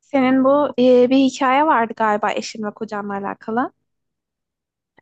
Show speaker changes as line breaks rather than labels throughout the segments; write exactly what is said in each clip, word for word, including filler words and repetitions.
Senin bu e, bir hikaye vardı galiba eşin ve kocanla alakalı.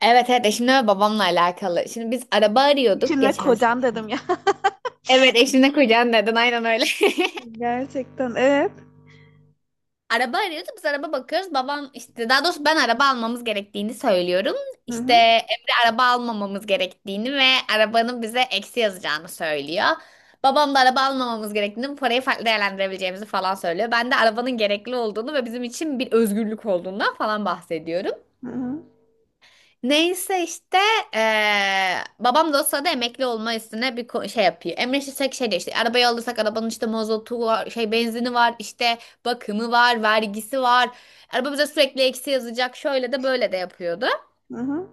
Evet evet eşimle ve babamla alakalı. Şimdi biz araba arıyorduk
Eşin ve
geçen
kocan
sene.
dedim ya.
Evet eşimle kucağın dedin aynen öyle.
Gerçekten evet.
Araba arıyorduk biz araba bakıyoruz. Babam işte daha doğrusu ben araba almamız gerektiğini söylüyorum.
Hı
İşte
hı.
Emre araba almamamız gerektiğini ve arabanın bize eksi yazacağını söylüyor. Babam da araba almamamız gerektiğini, bu parayı farklı değerlendirebileceğimizi falan söylüyor. Ben de arabanın gerekli olduğunu ve bizim için bir özgürlük olduğundan falan bahsediyorum.
Hı hı.
Neyse işte eee, babam da o sırada emekli olma üstüne bir ko- şey yapıyor. Emre Şişek şey diyor işte arabayı alırsak arabanın işte mazotu var, şey benzini var, işte bakımı var, vergisi var. Araba bize sürekli eksi yazacak şöyle de böyle de yapıyordu.
Hı hı.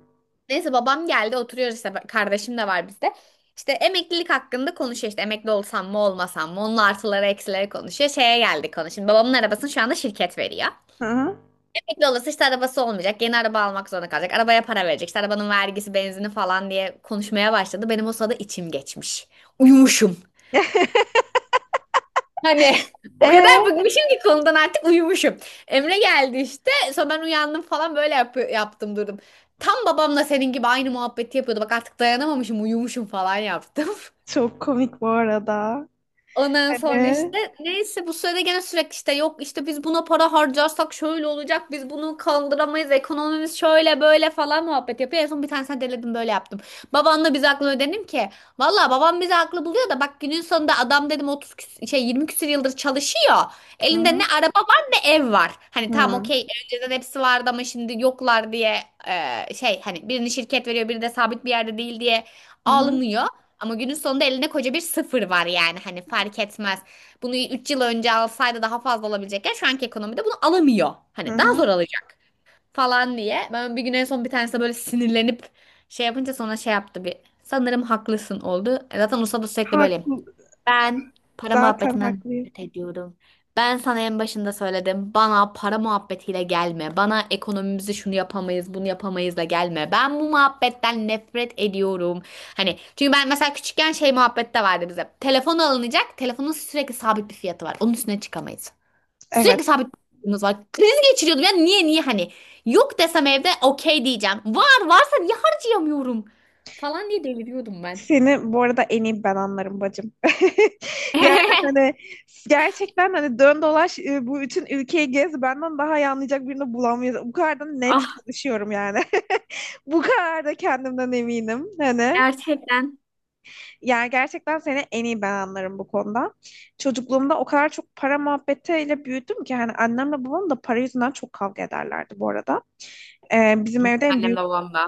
Neyse babam geldi oturuyoruz işte kardeşim de var bizde. İşte emeklilik hakkında konuşuyor işte emekli olsam mı olmasam mı onun artıları eksileri konuşuyor. Şeye geldik konu. Şimdi babamın arabasını şu anda şirket veriyor.
Hı hı.
Emekli olursa işte arabası olmayacak. Yeni araba almak zorunda kalacak. Arabaya para verecek. İşte arabanın vergisi, benzini falan diye konuşmaya başladı. Benim o sırada içim geçmiş. Uyumuşum. Hani o kadar
Ee,
bıkmışım ki konudan artık uyumuşum. Emre geldi işte. Sonra ben uyandım falan böyle yapı- yaptım durdum. Tam babamla senin gibi aynı muhabbeti yapıyordu. Bak artık dayanamamışım uyumuşum falan yaptım.
Çok komik bu arada.
Ondan sonra
Ee,
işte neyse bu sürede gene sürekli işte yok işte biz buna para harcarsak şöyle olacak biz bunu kaldıramayız ekonomimiz şöyle böyle falan muhabbet yapıyor. En son bir tanesine deledim böyle yaptım. Babanla biz haklı ödedim ki. Valla babam bizi haklı buluyor da bak günün sonunda adam dedim otuz küs- şey yirmi küsür yıldır çalışıyor.
Hı
Elinde ne
hı.
araba var ne ev var. Hani tamam
Hı
okey önceden hepsi vardı ama şimdi yoklar diye e, şey hani birini şirket veriyor biri de sabit bir yerde değil diye
hı.
ağlanıyor. Ama günün sonunda elinde koca bir sıfır var yani hani fark etmez. Bunu üç yıl önce alsaydı daha fazla olabilecekken şu anki ekonomide bunu alamıyor.
Hı
Hani daha
hı.
zor alacak falan diye. Ben bir gün en son bir tanesi böyle sinirlenip şey yapınca sonra şey yaptı bir. Sanırım haklısın oldu. E zaten usta da sürekli böyle.
Haklı.
Ben para
Zaten
muhabbetinden
haklıyım.
nefret ediyorum. Ben sana en başında söyledim. Bana para muhabbetiyle gelme. Bana ekonomimizi şunu yapamayız, bunu yapamayızla gelme. Ben bu muhabbetten nefret ediyorum. Hani çünkü ben mesela küçükken şey muhabbette vardı bize. Telefon alınacak. Telefonun sürekli sabit bir fiyatı var. Onun üstüne çıkamayız. Sürekli
Evet.
sabit bir fiyatımız var. Kriz geçiriyordum. Ya niye niye hani yok desem evde okey diyeceğim. Var varsa niye harcayamıyorum falan diye deliriyordum ben.
Seni bu arada en iyi ben anlarım bacım. Yani hani gerçekten hani dön dolaş e, bu bütün ülkeyi gez benden daha iyi anlayacak birini bulamıyoruz. Bu kadar da net
Ah
konuşuyorum yani. Bu kadar da kendimden eminim. Hani
gerçekten.
yani gerçekten seni en iyi ben anlarım bu konuda. Çocukluğumda o kadar çok para muhabbetiyle büyüdüm ki hani annemle babam da para yüzünden çok kavga ederlerdi bu arada. Ee, bizim evde en
Annem de
büyük
babam da.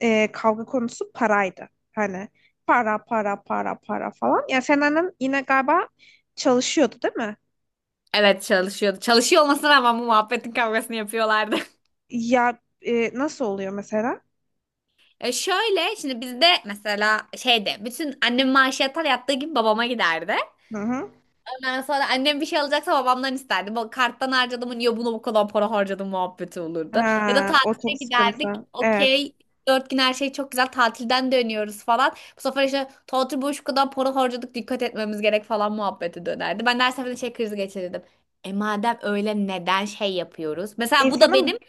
e, kavga konusu paraydı. Hani para para para para falan. Ya sen annen yine galiba çalışıyordu değil mi?
Evet çalışıyordu. Çalışıyor olmasına rağmen bu muhabbetin kavgasını yapıyorlardı.
Ya e, nasıl oluyor mesela?
E şöyle şimdi bizde mesela şeyde bütün annem maaşı yatar yattığı gibi babama giderdi.
Hı hı.
Ondan sonra annem bir şey alacaksa babamdan isterdi. Bu karttan harcadım niye bunu bu kadar para harcadım muhabbeti olurdu. Ya da
Ha, o çok
tatile giderdik.
sıkıntı. Evet.
Okey. Dört gün her şey çok güzel. Tatilden dönüyoruz falan. Bu sefer işte tatil boyu şu kadar para harcadık dikkat etmemiz gerek falan muhabbeti dönerdi. Ben de her seferinde şey krizi geçirirdim. E madem öyle neden şey yapıyoruz? Mesela bu da benim.
İnsanın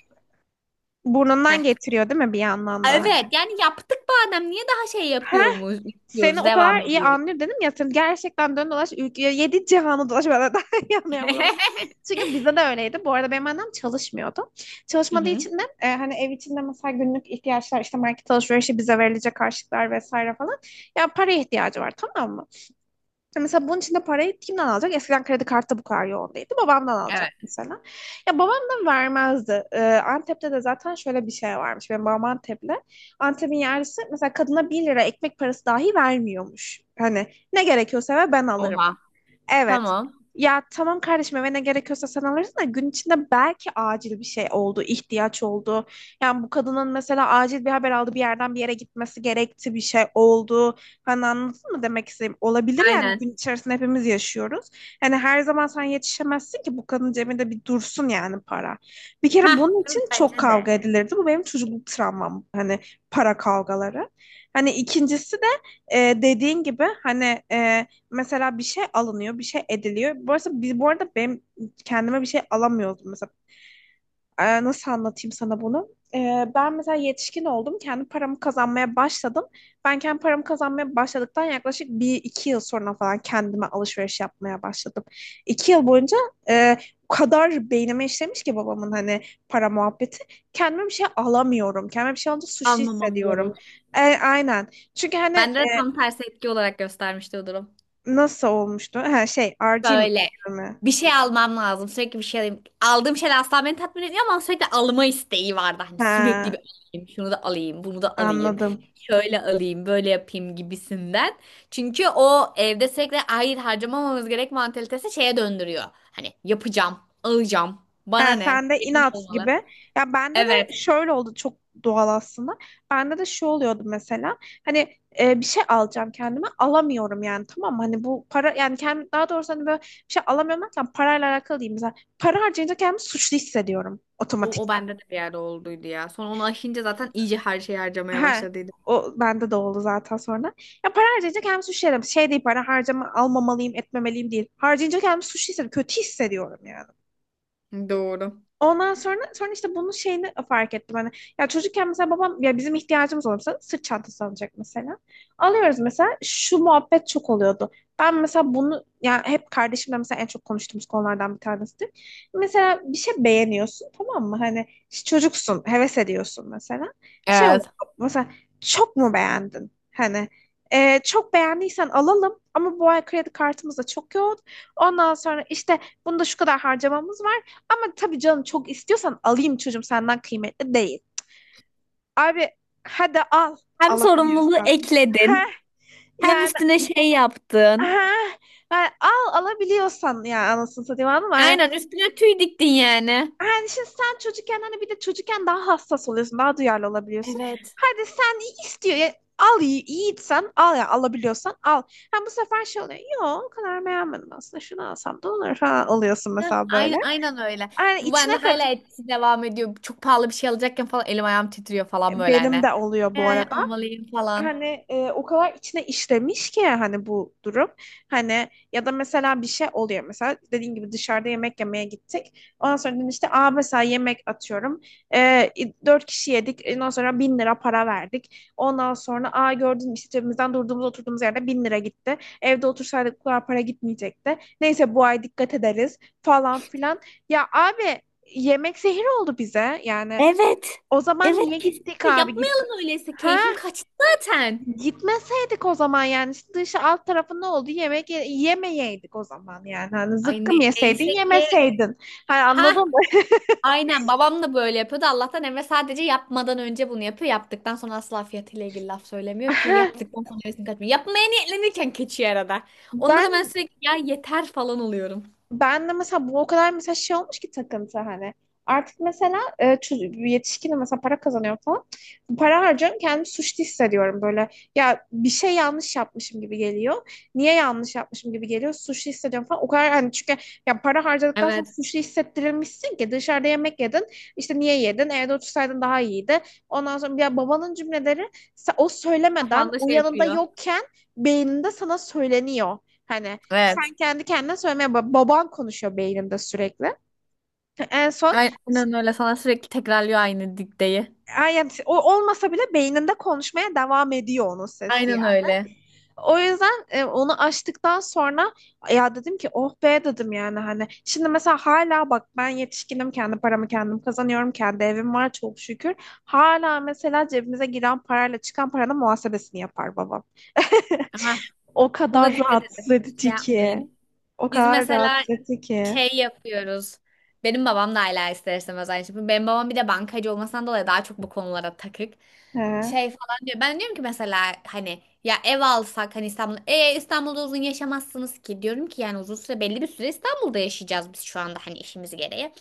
Heh.
burnundan getiriyor değil mi bir yandan da hani?
Evet yani yaptık madem niye daha şey
Ha,
yapıyoruz?
seni
Diyoruz
o
devam
kadar iyi
ediyoruz.
anlıyorum dedim ya sen gerçekten dön dolaş ülkeye yedi cihanı dolaş bana daha iyi anlayamadım. Çünkü bizde de öyleydi. Bu arada benim annem çalışmıyordu.
Hı
Çalışmadığı
hı.
için de e, hani ev içinde mesela günlük ihtiyaçlar işte market alışverişi bize verilecek harçlıklar vesaire falan. Ya para ihtiyacı var tamam mı? Ya mesela bunun için de parayı kimden alacak? Eskiden kredi kartı bu kadar yoğun değildi. Babamdan alacak
Evet.
mesela. Ya babam da vermezdi. Ee, Antep'te de zaten şöyle bir şey varmış. Benim babam Antep'li. Antep'in yerlisi mesela kadına bir lira ekmek parası dahi vermiyormuş. Hani ne gerekiyorsa ve ben alırım.
Oha.
Evet.
Tamam.
Ya tamam kardeşim eve ne gerekiyorsa sen alırsın da gün içinde belki acil bir şey oldu, ihtiyaç oldu. Yani bu kadının mesela acil bir haber aldı, bir yerden bir yere gitmesi gerekti, bir şey oldu. Hani anladın mı demek istediğim? Olabilir yani
Aynen.
gün içerisinde hepimiz yaşıyoruz. Hani her zaman sen yetişemezsin ki bu kadın cebinde bir dursun yani para. Bir kere
Heh,
bunun için çok
bence de.
kavga edilirdi. Bu benim çocukluk travmam. Hani para kavgaları. Hani ikincisi de e, dediğin gibi hani e, mesela bir şey alınıyor, bir şey ediliyor. Bu arada, biz, bu arada benim kendime bir şey alamıyordum mesela. Ee, nasıl anlatayım sana bunu? Ee, ben mesela yetişkin oldum. Kendi paramı kazanmaya başladım. Ben kendi paramı kazanmaya başladıktan yaklaşık bir iki yıl sonra falan kendime alışveriş yapmaya başladım. İki yıl boyunca e, o kadar beynime işlemiş ki babamın hani para muhabbeti. Kendime bir şey alamıyorum. Kendime bir şey alınca suçlu
Almamam
hissediyorum.
gerek.
E, aynen. Çünkü hani
Bende
e,
de tam tersi etki olarak göstermişti o durum.
nasıl olmuştu? Ha, şey, R G
Böyle
mi?
bir şey almam lazım. Sürekli bir şey alayım. Aldığım şeyler asla beni tatmin etmiyor ama sürekli alma isteği vardı. Hani sürekli
Ha,
bir alayım. Şunu da alayım. Bunu da alayım.
anladım.
Şöyle alayım. Böyle yapayım gibisinden. Çünkü o evde sürekli hayır harcamamamız gerek mantalitesi şeye döndürüyor. Hani yapacağım. Alacağım. Bana
Ha,
ne?
sen de
Benim ne
inat
olmalı?
gibi. Ya bende de
Evet.
şöyle oldu çok doğal aslında. Bende de şu oluyordu mesela. Hani e, bir şey alacağım kendime alamıyorum yani tamam mı? Hani bu para yani kendim daha doğrusu hani böyle bir şey alamıyorum derken parayla alakalı değil. Mesela para harcayınca kendimi suçlu hissediyorum
O, o
otomatikman.
bende de bir yerde olduydu ya. Sonra onu aşınca zaten iyice her şeyi harcamaya
Ha,
başladıydım.
o bende de oldu zaten sonra. Ya para harcayınca kendimi suçlu hissediyorum. Şey değil para harcama almamalıyım etmemeliyim değil. Harcayınca kendimi suçlu hissediyorum. Kötü hissediyorum.
Doğru.
Ondan sonra sonra işte bunun şeyini fark ettim hani ya çocukken mesela babam ya bizim ihtiyacımız olursa sırt çantası alacak mesela. Alıyoruz mesela şu muhabbet çok oluyordu. Ben mesela bunu ya hep kardeşimle mesela en çok konuştuğumuz konulardan bir tanesidir. Mesela bir şey beğeniyorsun tamam mı? Hani işte çocuksun, heves ediyorsun mesela. Şey
Evet.
oluyor mesela çok mu beğendin? Hani e, çok beğendiysen alalım ama bu ay kredi kartımız da çok yoğun. Ondan sonra işte bunda şu kadar harcamamız var. Ama tabii canım çok istiyorsan alayım çocuğum senden kıymetli değil. Abi hadi al
Hem sorumluluğu
alabiliyorsan. Heh,
ekledin, hem
yani
üstüne şey yaptın.
heh, yani al alabiliyorsan ya anasını satayım anladın mı? Hani,
Aynen üstüne tüy diktin yani.
hani şimdi sen çocukken hani bir de çocukken daha hassas oluyorsun daha duyarlı olabiliyorsun.
Evet.
Hadi sen iyi istiyor ya, al yi- yiğitsen al ya alabiliyorsan al. Ha bu sefer şey oluyor. Yok o kadar beğenmedim aslında şunu alsam da olur falan alıyorsun
Heh,
mesela böyle.
aynen, aynen öyle.
Yani
Bu
içine
bende hala
kat
etkisi devam ediyor. Çok pahalı bir şey alacakken falan elim ayağım titriyor falan böyle
benim
hani.
de oluyor bu
Yani
arada.
almalıyım falan.
Hani e, o kadar içine işlemiş ki hani bu durum. Hani ya da mesela bir şey oluyor mesela dediğin gibi dışarıda yemek yemeye gittik. Ondan sonra dedim işte aa mesela yemek atıyorum. E, Dört kişi yedik. Ondan sonra bin lira para verdik. Ondan sonra aa gördün mü işte cebimizden durduğumuz oturduğumuz yerde bin lira gitti. Evde otursaydık bu kadar para gitmeyecekti. Neyse bu ay dikkat ederiz falan filan. Ya abi yemek zehir oldu bize. Yani
Evet.
o zaman
Evet
niye
kesin.
gittik abi? Git.
Yapmayalım öyleyse.
Ha,
Keyfim kaçtı zaten.
gitmeseydik o zaman yani işte dışı alt tarafı ne oldu? Yemek ye- yemeyeydik o zaman yani. Hani
Ay ne,
zıkkım yeseydin
neyse ki.
yemeseydin. Hani anladın
Ha
mı?
aynen babam da böyle yapıyordu. Allah'tan Emre sadece yapmadan önce bunu yapıyor. Yaptıktan sonra asla fiyatıyla ilgili laf söylemiyor ki yaptıktan sonra hevesini kaçmıyor. Yapmaya niyetlenirken kaçıyor arada. Onda da ben
Ben
sürekli ya yeter falan oluyorum.
Ben de mesela bu o kadar mesela şey olmuş ki takıntı hani. Artık mesela e, çocuk- yetişkinim mesela para kazanıyorum falan. Para harcıyorum kendimi suçlu hissediyorum böyle. Ya bir şey yanlış yapmışım gibi geliyor. Niye yanlış yapmışım gibi geliyor. Suçlu hissediyorum falan. O kadar hani çünkü ya para harcadıktan sonra
Evet.
suçlu hissettirilmişsin ki dışarıda yemek yedin. İşte niye yedin? Evde otursaydın daha iyiydi. Ondan sonra ya babanın cümleleri se- o söylemeden
Kafanda
o
şey
yanında
yapıyor.
yokken beyninde sana söyleniyor. Hani sen
Evet.
kendi kendine söylemeye bak. Baban konuşuyor beyninde sürekli. En son
Aynen öyle. Sana sürekli tekrarlıyor aynı dikteyi.
ay yani o olmasa bile beyninde konuşmaya devam ediyor onun sesi
Aynen
yani.
öyle.
O yüzden e, onu açtıktan sonra ya dedim ki oh be dedim yani hani. Şimdi mesela hala bak ben yetişkinim kendi paramı kendim kazanıyorum. Kendi evim var çok şükür. Hala mesela cebimize giren parayla çıkan paranın muhasebesini yapar babam.
Aha.
O
Buna
kadar
dikkat edin.
rahatsız
Hiç şey
edici.
yapmayın.
O
Biz
kadar
mesela
ki.
şey yapıyoruz. Benim babam da hala ister istemez aynı şey yapıyor. Benim babam bir de bankacı olmasından dolayı daha çok bu konulara takık.
He.
Şey falan diyor. Ben diyorum ki mesela hani ya ev alsak hani İstanbul e İstanbul'da uzun yaşamazsınız ki diyorum ki yani uzun süre belli bir süre İstanbul'da yaşayacağız biz şu anda hani işimiz gereği.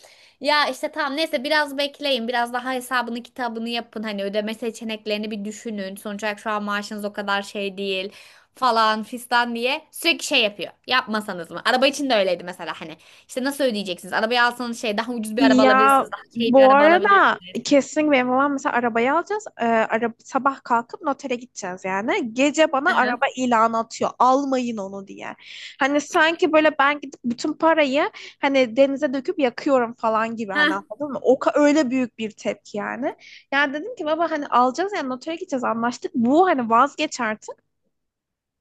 Ya işte tamam neyse biraz bekleyin biraz daha hesabını kitabını yapın hani ödeme seçeneklerini bir düşünün. Sonuç olarak şu an maaşınız o kadar şey değil falan fistan diye sürekli şey yapıyor. Yapmasanız mı? Araba için de öyleydi mesela hani. İşte nasıl ödeyeceksiniz? Arabayı alsanız şey daha ucuz bir araba
Ya
alabilirsiniz. Daha şey bir
bu
araba
arada
alabilirsiniz.
kesin benim babam mesela arabayı alacağız. Ee, araba, sabah kalkıp notere gideceğiz yani. Gece bana
Hı hı.
araba ilanı atıyor. Almayın onu diye. Hani sanki böyle ben gidip bütün parayı hani denize döküp yakıyorum falan gibi hani
Heh,
anladın mı? O ka- öyle büyük bir tepki yani. Yani dedim ki baba hani alacağız yani notere gideceğiz anlaştık. Bu hani vazgeç artık.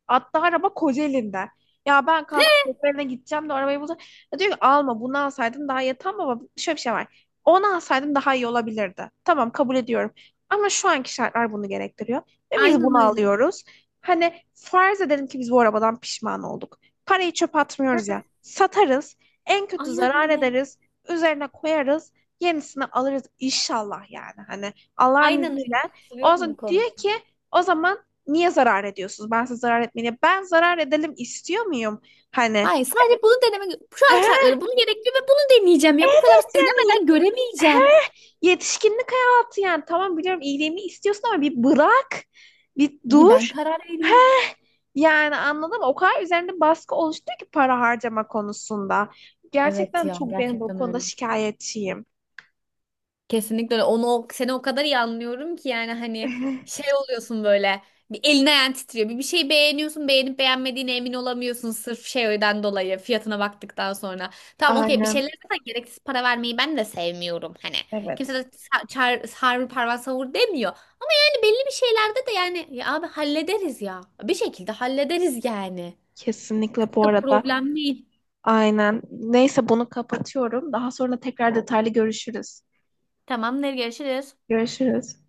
Hatta araba Kocaeli'nden. Ya ben kalkıp Kocaeli'ne gideceğim de arabayı bulacağım. Ya diyor ki alma bunu alsaydın daha iyi. Tamam baba şöyle bir şey var. Onu alsaydın daha iyi olabilirdi. Tamam kabul ediyorum. Ama şu anki şartlar bunu gerektiriyor. Ve biz
aynen
bunu
öyle.
alıyoruz. Hani farz edelim ki biz bu arabadan pişman olduk. Parayı çöpe atmıyoruz ya. Satarız. En kötü
Aynen
zarar
öyle.
ederiz. Üzerine koyarız. Yenisini alırız inşallah yani. Hani Allah'ın
Aynen öyle.
izniyle. O
Katılıyorum
zaman
bu
diyor
konuda.
ki o zaman niye zarar ediyorsunuz? Ben size zarar etmeyeyim. Ben zarar edelim istiyor muyum? Hani
Hayır sadece bunu denemek şu an
eğer
şartları bunu gerekli ve bunu deneyeceğim ya. Bu kadar basit.
yani yet-
Denemeden göremeyeceğim.
yetişkinlik hayatı yani tamam biliyorum iyiliğimi istiyorsun ama bir bırak, bir
Bir ben
dur.
karar vereyim.
Yani anladın mı? O kadar üzerinde baskı oluştu ki para harcama konusunda.
Evet
Gerçekten
ya
çok benim bu
gerçekten
konuda
öyle.
şikayetçiyim.
Kesinlikle öyle. Onu o- seni o kadar iyi anlıyorum ki yani hani şey oluyorsun böyle bir elin ayağın titriyor. Bir, bir şey beğeniyorsun beğenip beğenmediğine emin olamıyorsun sırf şeyden dolayı fiyatına baktıktan sonra. Tamam okey bir şeylere
Aynen.
zaten gereksiz para vermeyi ben de sevmiyorum hani. Kimse de
Evet.
sa- çar, sarı parmağı savur demiyor. De belli bir şeylerde de yani ya abi hallederiz ya. Bir şekilde hallederiz yani.
Kesinlikle
Çok
bu
da
arada.
problem değil.
Aynen. Neyse bunu kapatıyorum. Daha sonra tekrar detaylı görüşürüz.
Tamamdır görüşürüz.
Görüşürüz.